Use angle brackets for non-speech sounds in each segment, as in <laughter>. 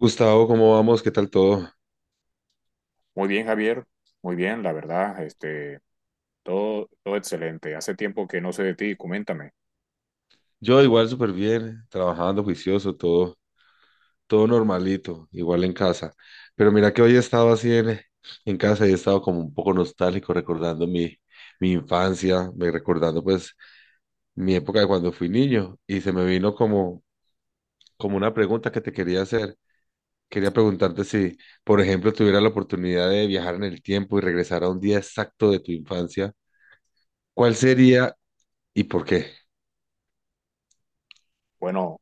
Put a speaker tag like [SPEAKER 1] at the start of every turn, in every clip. [SPEAKER 1] Gustavo, ¿cómo vamos? ¿Qué tal todo?
[SPEAKER 2] Muy bien, Javier. Muy bien, la verdad, todo excelente. Hace tiempo que no sé de ti, coméntame.
[SPEAKER 1] Yo igual súper bien, trabajando juicioso, todo, todo normalito, igual en casa. Pero mira que hoy he estado así en casa y he estado como un poco nostálgico recordando mi infancia, me recordando pues mi época de cuando fui niño y se me vino como una pregunta que te quería hacer. Quería preguntarte si, por ejemplo, tuviera la oportunidad de viajar en el tiempo y regresar a un día exacto de tu infancia, ¿cuál sería y por qué?
[SPEAKER 2] Bueno,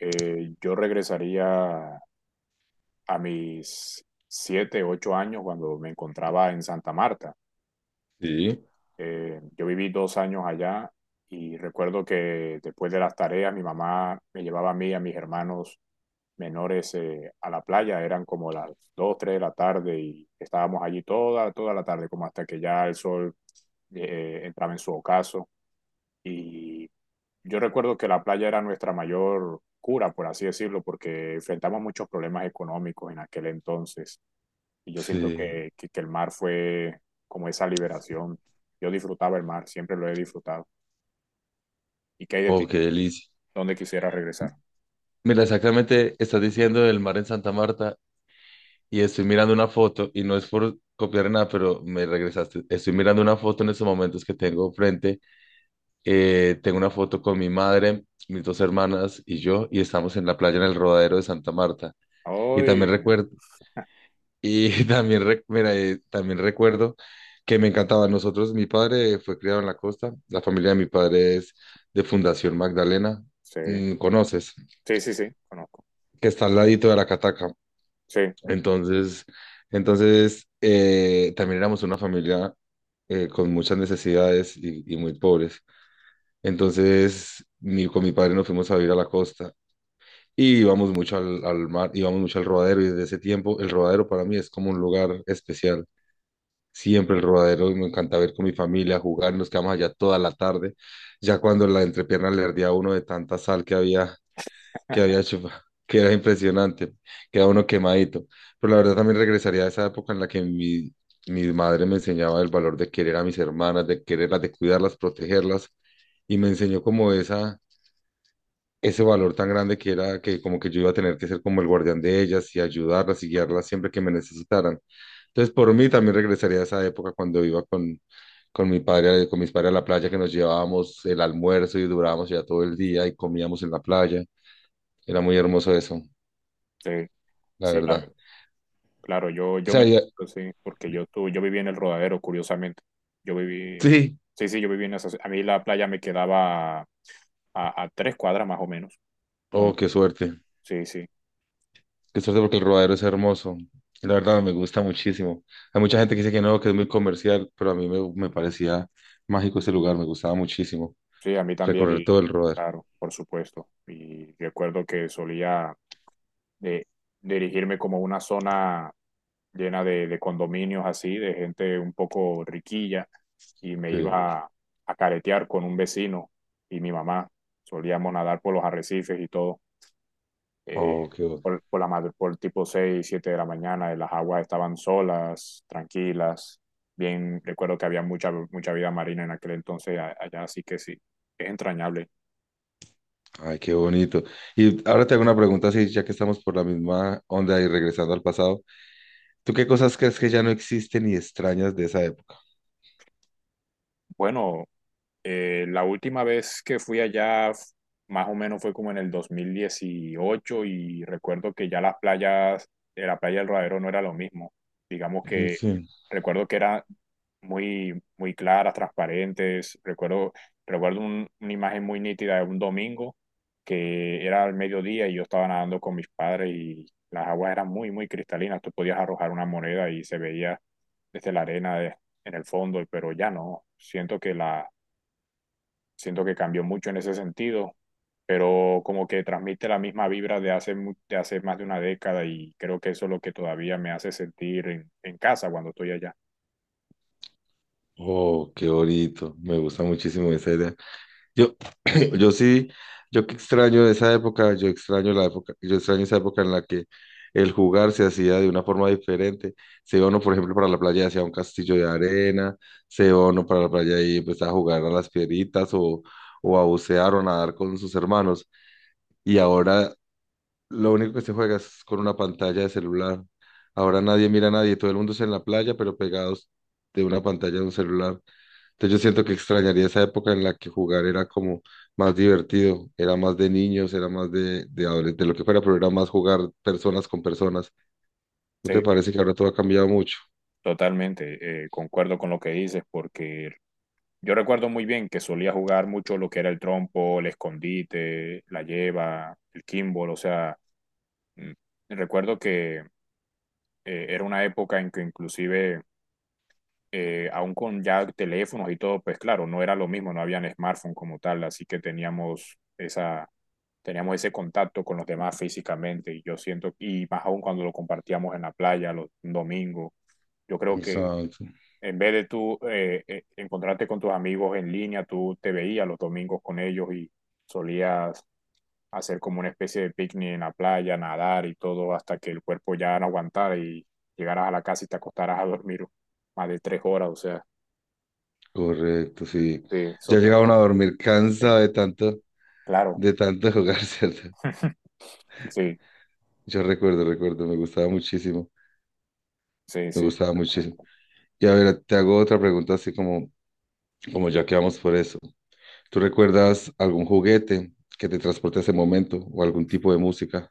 [SPEAKER 2] yo regresaría a mis 7, 8 años cuando me encontraba en Santa Marta.
[SPEAKER 1] Sí,
[SPEAKER 2] Yo viví 2 años allá y recuerdo que después de las tareas mi mamá me llevaba a mí y a mis hermanos menores a la playa. Eran como las 2, 3 de la tarde y estábamos allí toda la tarde, como hasta que ya el sol entraba en su ocaso. Y yo recuerdo que la playa era nuestra mayor cura, por así decirlo, porque enfrentamos muchos problemas económicos en aquel entonces y yo siento
[SPEAKER 1] sí.
[SPEAKER 2] que el mar fue como esa liberación. Yo disfrutaba el mar, siempre lo he disfrutado. ¿Y qué hay de ti?
[SPEAKER 1] Oh, qué delicia.
[SPEAKER 2] ¿Dónde quisieras regresar?
[SPEAKER 1] Mira, exactamente estás diciendo del mar en Santa Marta y estoy mirando una foto y no es por copiar nada, pero me regresaste. Estoy mirando una foto en estos momentos que tengo frente. Tengo una foto con mi madre, mis dos hermanas y yo y estamos en la playa en el Rodadero de Santa Marta. Y
[SPEAKER 2] Ay,
[SPEAKER 1] también recuerdo, y <laughs> también, mira, también recuerdo que me encantaba. Nosotros, mi padre fue criado en la costa, la familia de mi padre es de Fundación Magdalena.
[SPEAKER 2] sí,
[SPEAKER 1] Mm, ¿conoces?
[SPEAKER 2] sí, sí, sí, conozco.
[SPEAKER 1] Que está al ladito de la cataca.
[SPEAKER 2] Sí,
[SPEAKER 1] Entonces, entonces, también éramos una familia con muchas necesidades y muy pobres. Entonces, con mi padre nos fuimos a vivir a la costa y íbamos mucho al mar, íbamos mucho al rodadero y desde ese tiempo el rodadero para mí es como un lugar especial. Siempre el rodadero, me encanta ver con mi familia, jugar, nos quedamos allá toda la tarde. Ya cuando la entrepierna le ardía a uno de tanta sal que había hecho, <laughs> que era impresionante, queda uno quemadito. Pero la verdad también regresaría a esa época en la que mi madre me enseñaba el valor de querer a mis hermanas, de quererlas, de cuidarlas, protegerlas, y me enseñó como ese valor tan grande que era que como que yo iba a tener que ser como el guardián de ellas y ayudarlas y guiarlas siempre que me necesitaran. Entonces, por mí también regresaría a esa época cuando iba con... Con mi padre, con mis padres a la playa, que nos llevábamos el almuerzo y durábamos ya todo el día y comíamos en la playa. Era muy hermoso eso.
[SPEAKER 2] sí,
[SPEAKER 1] La
[SPEAKER 2] sí,
[SPEAKER 1] verdad.
[SPEAKER 2] claro,
[SPEAKER 1] O
[SPEAKER 2] yo
[SPEAKER 1] sea,
[SPEAKER 2] me
[SPEAKER 1] ya...
[SPEAKER 2] siento así, porque yo viví en el Rodadero, curiosamente. Yo viví,
[SPEAKER 1] Sí.
[SPEAKER 2] sí, sí, yo viví en esa, a mí la playa me quedaba a 3 cuadras más o menos. No,
[SPEAKER 1] Oh, qué suerte.
[SPEAKER 2] sí, sí,
[SPEAKER 1] Qué suerte porque el rodadero es hermoso. Y la verdad me gusta muchísimo. Hay mucha gente que dice que no, que es muy comercial, pero a mí me parecía mágico ese lugar, me gustaba muchísimo
[SPEAKER 2] sí, a mí también,
[SPEAKER 1] recorrer todo
[SPEAKER 2] y
[SPEAKER 1] el rodadero.
[SPEAKER 2] claro, por supuesto. Y recuerdo que solía de dirigirme como a una zona llena de condominios así, de gente un poco riquilla, y me
[SPEAKER 1] Sí.
[SPEAKER 2] iba a caretear con un vecino y mi mamá. Solíamos nadar por los arrecifes y todo, eh,
[SPEAKER 1] Oh, qué, bo...
[SPEAKER 2] por la madre, por tipo 6, 7 de la mañana, y las aguas estaban solas, tranquilas. Bien, recuerdo que había mucha, mucha vida marina en aquel entonces allá, así que sí, es entrañable.
[SPEAKER 1] Ay, qué bonito. Y ahora te hago una pregunta, así, ya que estamos por la misma onda y regresando al pasado. ¿Tú qué cosas crees que ya no existen y extrañas de esa época?
[SPEAKER 2] Bueno, la última vez que fui allá, más o menos fue como en el 2018 y recuerdo que ya las playas, la playa del Rodadero no era lo mismo. Digamos
[SPEAKER 1] Mm,
[SPEAKER 2] que
[SPEAKER 1] sí.
[SPEAKER 2] recuerdo que eran muy, muy claras, transparentes. Recuerdo una imagen muy nítida de un domingo que era al mediodía y yo estaba nadando con mis padres y las aguas eran muy, muy cristalinas. Tú podías arrojar una moneda y se veía desde la arena en el fondo, pero ya no. Siento que cambió mucho en ese sentido, pero como que transmite la misma vibra de hace más de una década y creo que eso es lo que todavía me hace sentir en casa cuando estoy allá.
[SPEAKER 1] Oh, qué bonito. Me gusta muchísimo esa idea. Yo, <clears throat> yo sí, yo que extraño esa época, yo extraño la época, yo extraño esa época en la que el jugar se hacía de una forma diferente. Se iba uno, por ejemplo, para la playa y hacía un castillo de arena, se iba uno para la playa y empezaba a jugar a las piedritas o a bucear o a nadar con sus hermanos. Y ahora lo único que se juega es con una pantalla de celular. Ahora nadie mira a nadie, todo el mundo es en la playa, pero pegados de una pantalla de un celular. Entonces yo siento que extrañaría esa época en la que jugar era como más divertido, era más de niños, era más de adolescentes, de lo que fuera, pero era más jugar personas con personas. ¿No
[SPEAKER 2] Sí,
[SPEAKER 1] te parece que ahora todo ha cambiado mucho?
[SPEAKER 2] totalmente, concuerdo con lo que dices porque yo recuerdo muy bien que solía jugar mucho lo que era el trompo, el escondite, la lleva, el kimball, o sea, mm, recuerdo que era una época en que inclusive aún con ya teléfonos y todo, pues claro, no era lo mismo, no habían smartphone como tal, así que teníamos ese contacto con los demás físicamente y yo siento, y más aún cuando lo compartíamos en la playa los domingos, yo creo que
[SPEAKER 1] Exacto.
[SPEAKER 2] en vez de tú encontrarte con tus amigos en línea, tú te veías los domingos con ellos y solías hacer como una especie de picnic en la playa, nadar y todo hasta que el cuerpo ya no aguantara y llegaras a la casa y te acostaras a dormir más de 3 horas, o sea.
[SPEAKER 1] Correcto, sí.
[SPEAKER 2] Sí, esos
[SPEAKER 1] Ya llegaba a
[SPEAKER 2] tiempos,
[SPEAKER 1] dormir
[SPEAKER 2] sí,
[SPEAKER 1] cansado
[SPEAKER 2] claro.
[SPEAKER 1] de tanto jugar, <laughs> ¿cierto?
[SPEAKER 2] <laughs> Sí,
[SPEAKER 1] Me gustaba muchísimo,
[SPEAKER 2] sí,
[SPEAKER 1] me
[SPEAKER 2] sí,
[SPEAKER 1] gustaba muchísimo.
[SPEAKER 2] completamente.
[SPEAKER 1] Y a ver, te hago otra pregunta así como ya que vamos por eso. ¿Tú recuerdas algún juguete que te transporte a ese momento o algún tipo de música?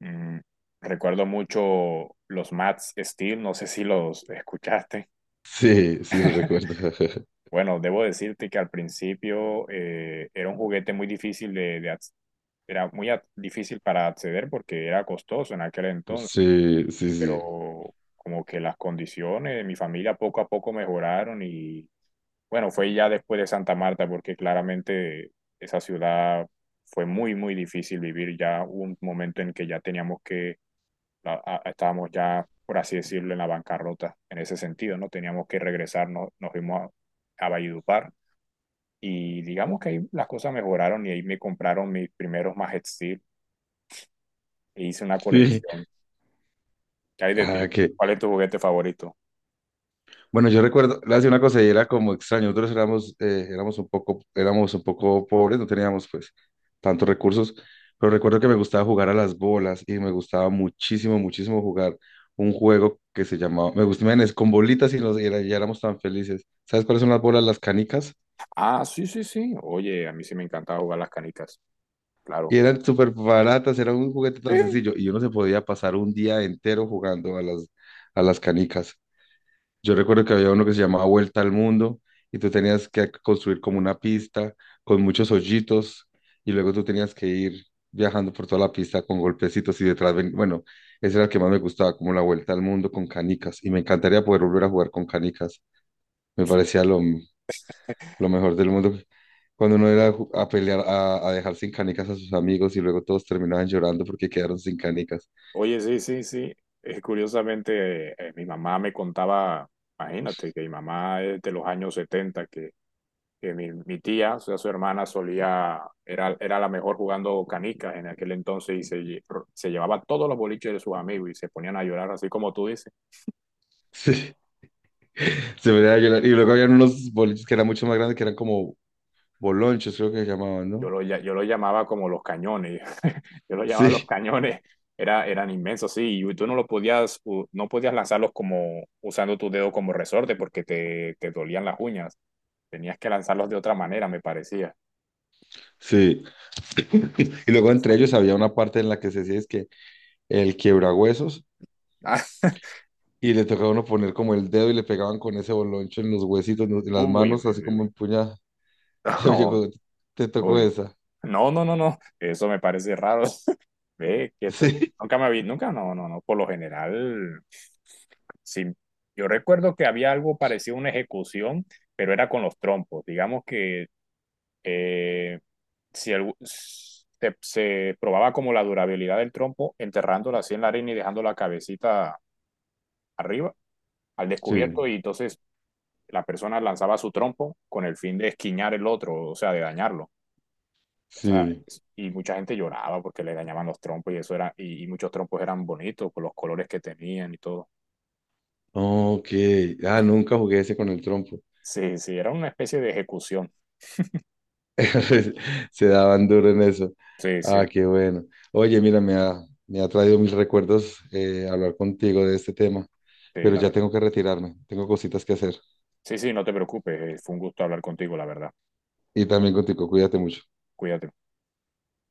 [SPEAKER 2] Mm, recuerdo mucho los Mats Steel, no sé si los escuchaste.
[SPEAKER 1] Sí, sí, lo
[SPEAKER 2] <laughs>
[SPEAKER 1] recuerdo. <laughs>
[SPEAKER 2] Bueno, debo decirte que al principio era un juguete muy difícil de difícil para acceder porque era costoso en aquel entonces,
[SPEAKER 1] Sí, sí, sí.
[SPEAKER 2] pero como que las condiciones de mi familia poco a poco mejoraron y bueno, fue ya después de Santa Marta, porque claramente esa ciudad fue muy, muy difícil vivir. Ya hubo un momento en que ya teníamos que, estábamos ya, por así decirlo, en la bancarrota, en ese sentido, ¿no? Teníamos que regresar, nos fuimos a Valledupar y digamos que ahí las cosas mejoraron y ahí me compraron mis primeros Majet Steel e hice una
[SPEAKER 1] Sí.
[SPEAKER 2] colección. ¿Qué hay de
[SPEAKER 1] Ah,
[SPEAKER 2] ti?
[SPEAKER 1] que.
[SPEAKER 2] ¿Cuál es tu juguete favorito?
[SPEAKER 1] Bueno, yo recuerdo, le hacía una cosa y era como extraño. Nosotros éramos un poco pobres, no teníamos pues tantos recursos, pero recuerdo que me gustaba jugar a las bolas y me gustaba muchísimo, muchísimo jugar un juego que se llamaba, me gustaba, men, es con bolitas y y éramos tan felices. ¿Sabes cuáles son las bolas? Las canicas.
[SPEAKER 2] Ah, sí, sí, sí. Oye, a mí sí me encantaba jugar las canicas, claro.
[SPEAKER 1] Y eran súper baratas, era un juguete
[SPEAKER 2] Sí,
[SPEAKER 1] tan sencillo y uno se podía pasar un día entero jugando a a las canicas. Yo recuerdo que había uno que se llamaba Vuelta al Mundo y tú tenías que construir como una pista con muchos hoyitos y luego tú tenías que ir viajando por toda la pista con golpecitos y detrás, bueno, ese era el que más me gustaba, como la Vuelta al Mundo con canicas y me encantaría poder volver a jugar con canicas. Me parecía lo mejor del mundo. Cuando uno era a pelear, a dejar sin canicas a sus amigos y luego todos terminaban llorando porque quedaron sin canicas.
[SPEAKER 2] oye, sí, sí, sí. Curiosamente, mi mamá me contaba, imagínate, que mi mamá es de los años 70 que mi tía, o sea, su hermana era la mejor jugando canicas en aquel entonces y se llevaba todos los boliches de sus amigos y se ponían a llorar, así como tú dices.
[SPEAKER 1] <laughs> Sí. Se me da a llorar. Y luego habían unos boliches que eran mucho más grandes, que eran como Bolonchos creo que se llamaban, ¿no?
[SPEAKER 2] Yo lo llamaba como los cañones. <laughs> Yo lo llamaba los
[SPEAKER 1] Sí,
[SPEAKER 2] cañones. Eran inmensos, sí, y tú no podías lanzarlos como usando tu dedo como resorte porque te dolían las uñas. Tenías que lanzarlos de otra manera, me parecía.
[SPEAKER 1] sí. <laughs> Y luego entre ellos había una parte en la que se decía es que el quiebrahuesos
[SPEAKER 2] Ah. <laughs>
[SPEAKER 1] y le tocaba a uno poner como el dedo y le pegaban con ese boloncho en los huesitos, en las
[SPEAKER 2] Uy,
[SPEAKER 1] manos,
[SPEAKER 2] uy,
[SPEAKER 1] así
[SPEAKER 2] uy,
[SPEAKER 1] como
[SPEAKER 2] uy.
[SPEAKER 1] empuñada. <laughs>
[SPEAKER 2] <laughs>
[SPEAKER 1] Te,
[SPEAKER 2] No,
[SPEAKER 1] llegó- Te tocó
[SPEAKER 2] uy.
[SPEAKER 1] esa. <laughs>
[SPEAKER 2] No, no, no, no. Eso me parece raro. <laughs> Ve, que
[SPEAKER 1] Sí,
[SPEAKER 2] nunca me vi, nunca, no, no, no. Por lo general, sí. Yo recuerdo que había algo parecido a una ejecución, pero era con los trompos. Digamos que eh, si el- se probaba como la durabilidad del trompo, enterrándola así en la arena y dejando la cabecita arriba, al
[SPEAKER 1] sí,
[SPEAKER 2] descubierto, y entonces la persona lanzaba su trompo con el fin de esquiñar el otro, o sea, de dañarlo. O sea,
[SPEAKER 1] sí.
[SPEAKER 2] y mucha gente lloraba porque le dañaban los trompos y eso era, y muchos trompos eran bonitos con los colores que tenían y todo.
[SPEAKER 1] Ok. Ah, nunca jugué ese con el trompo.
[SPEAKER 2] Sí, sí, era una especie de ejecución.
[SPEAKER 1] <laughs> Se daban duro en eso.
[SPEAKER 2] Sí,
[SPEAKER 1] Ah,
[SPEAKER 2] sí,
[SPEAKER 1] qué bueno. Oye, mira, me ha traído mis recuerdos hablar contigo de este tema,
[SPEAKER 2] sí,
[SPEAKER 1] pero
[SPEAKER 2] la
[SPEAKER 1] ya tengo
[SPEAKER 2] verdad.
[SPEAKER 1] que retirarme, tengo cositas que hacer.
[SPEAKER 2] Sí, sí, no te preocupes, fue un gusto hablar contigo, la verdad.
[SPEAKER 1] Y también contigo, cuídate mucho.
[SPEAKER 2] Cuídate.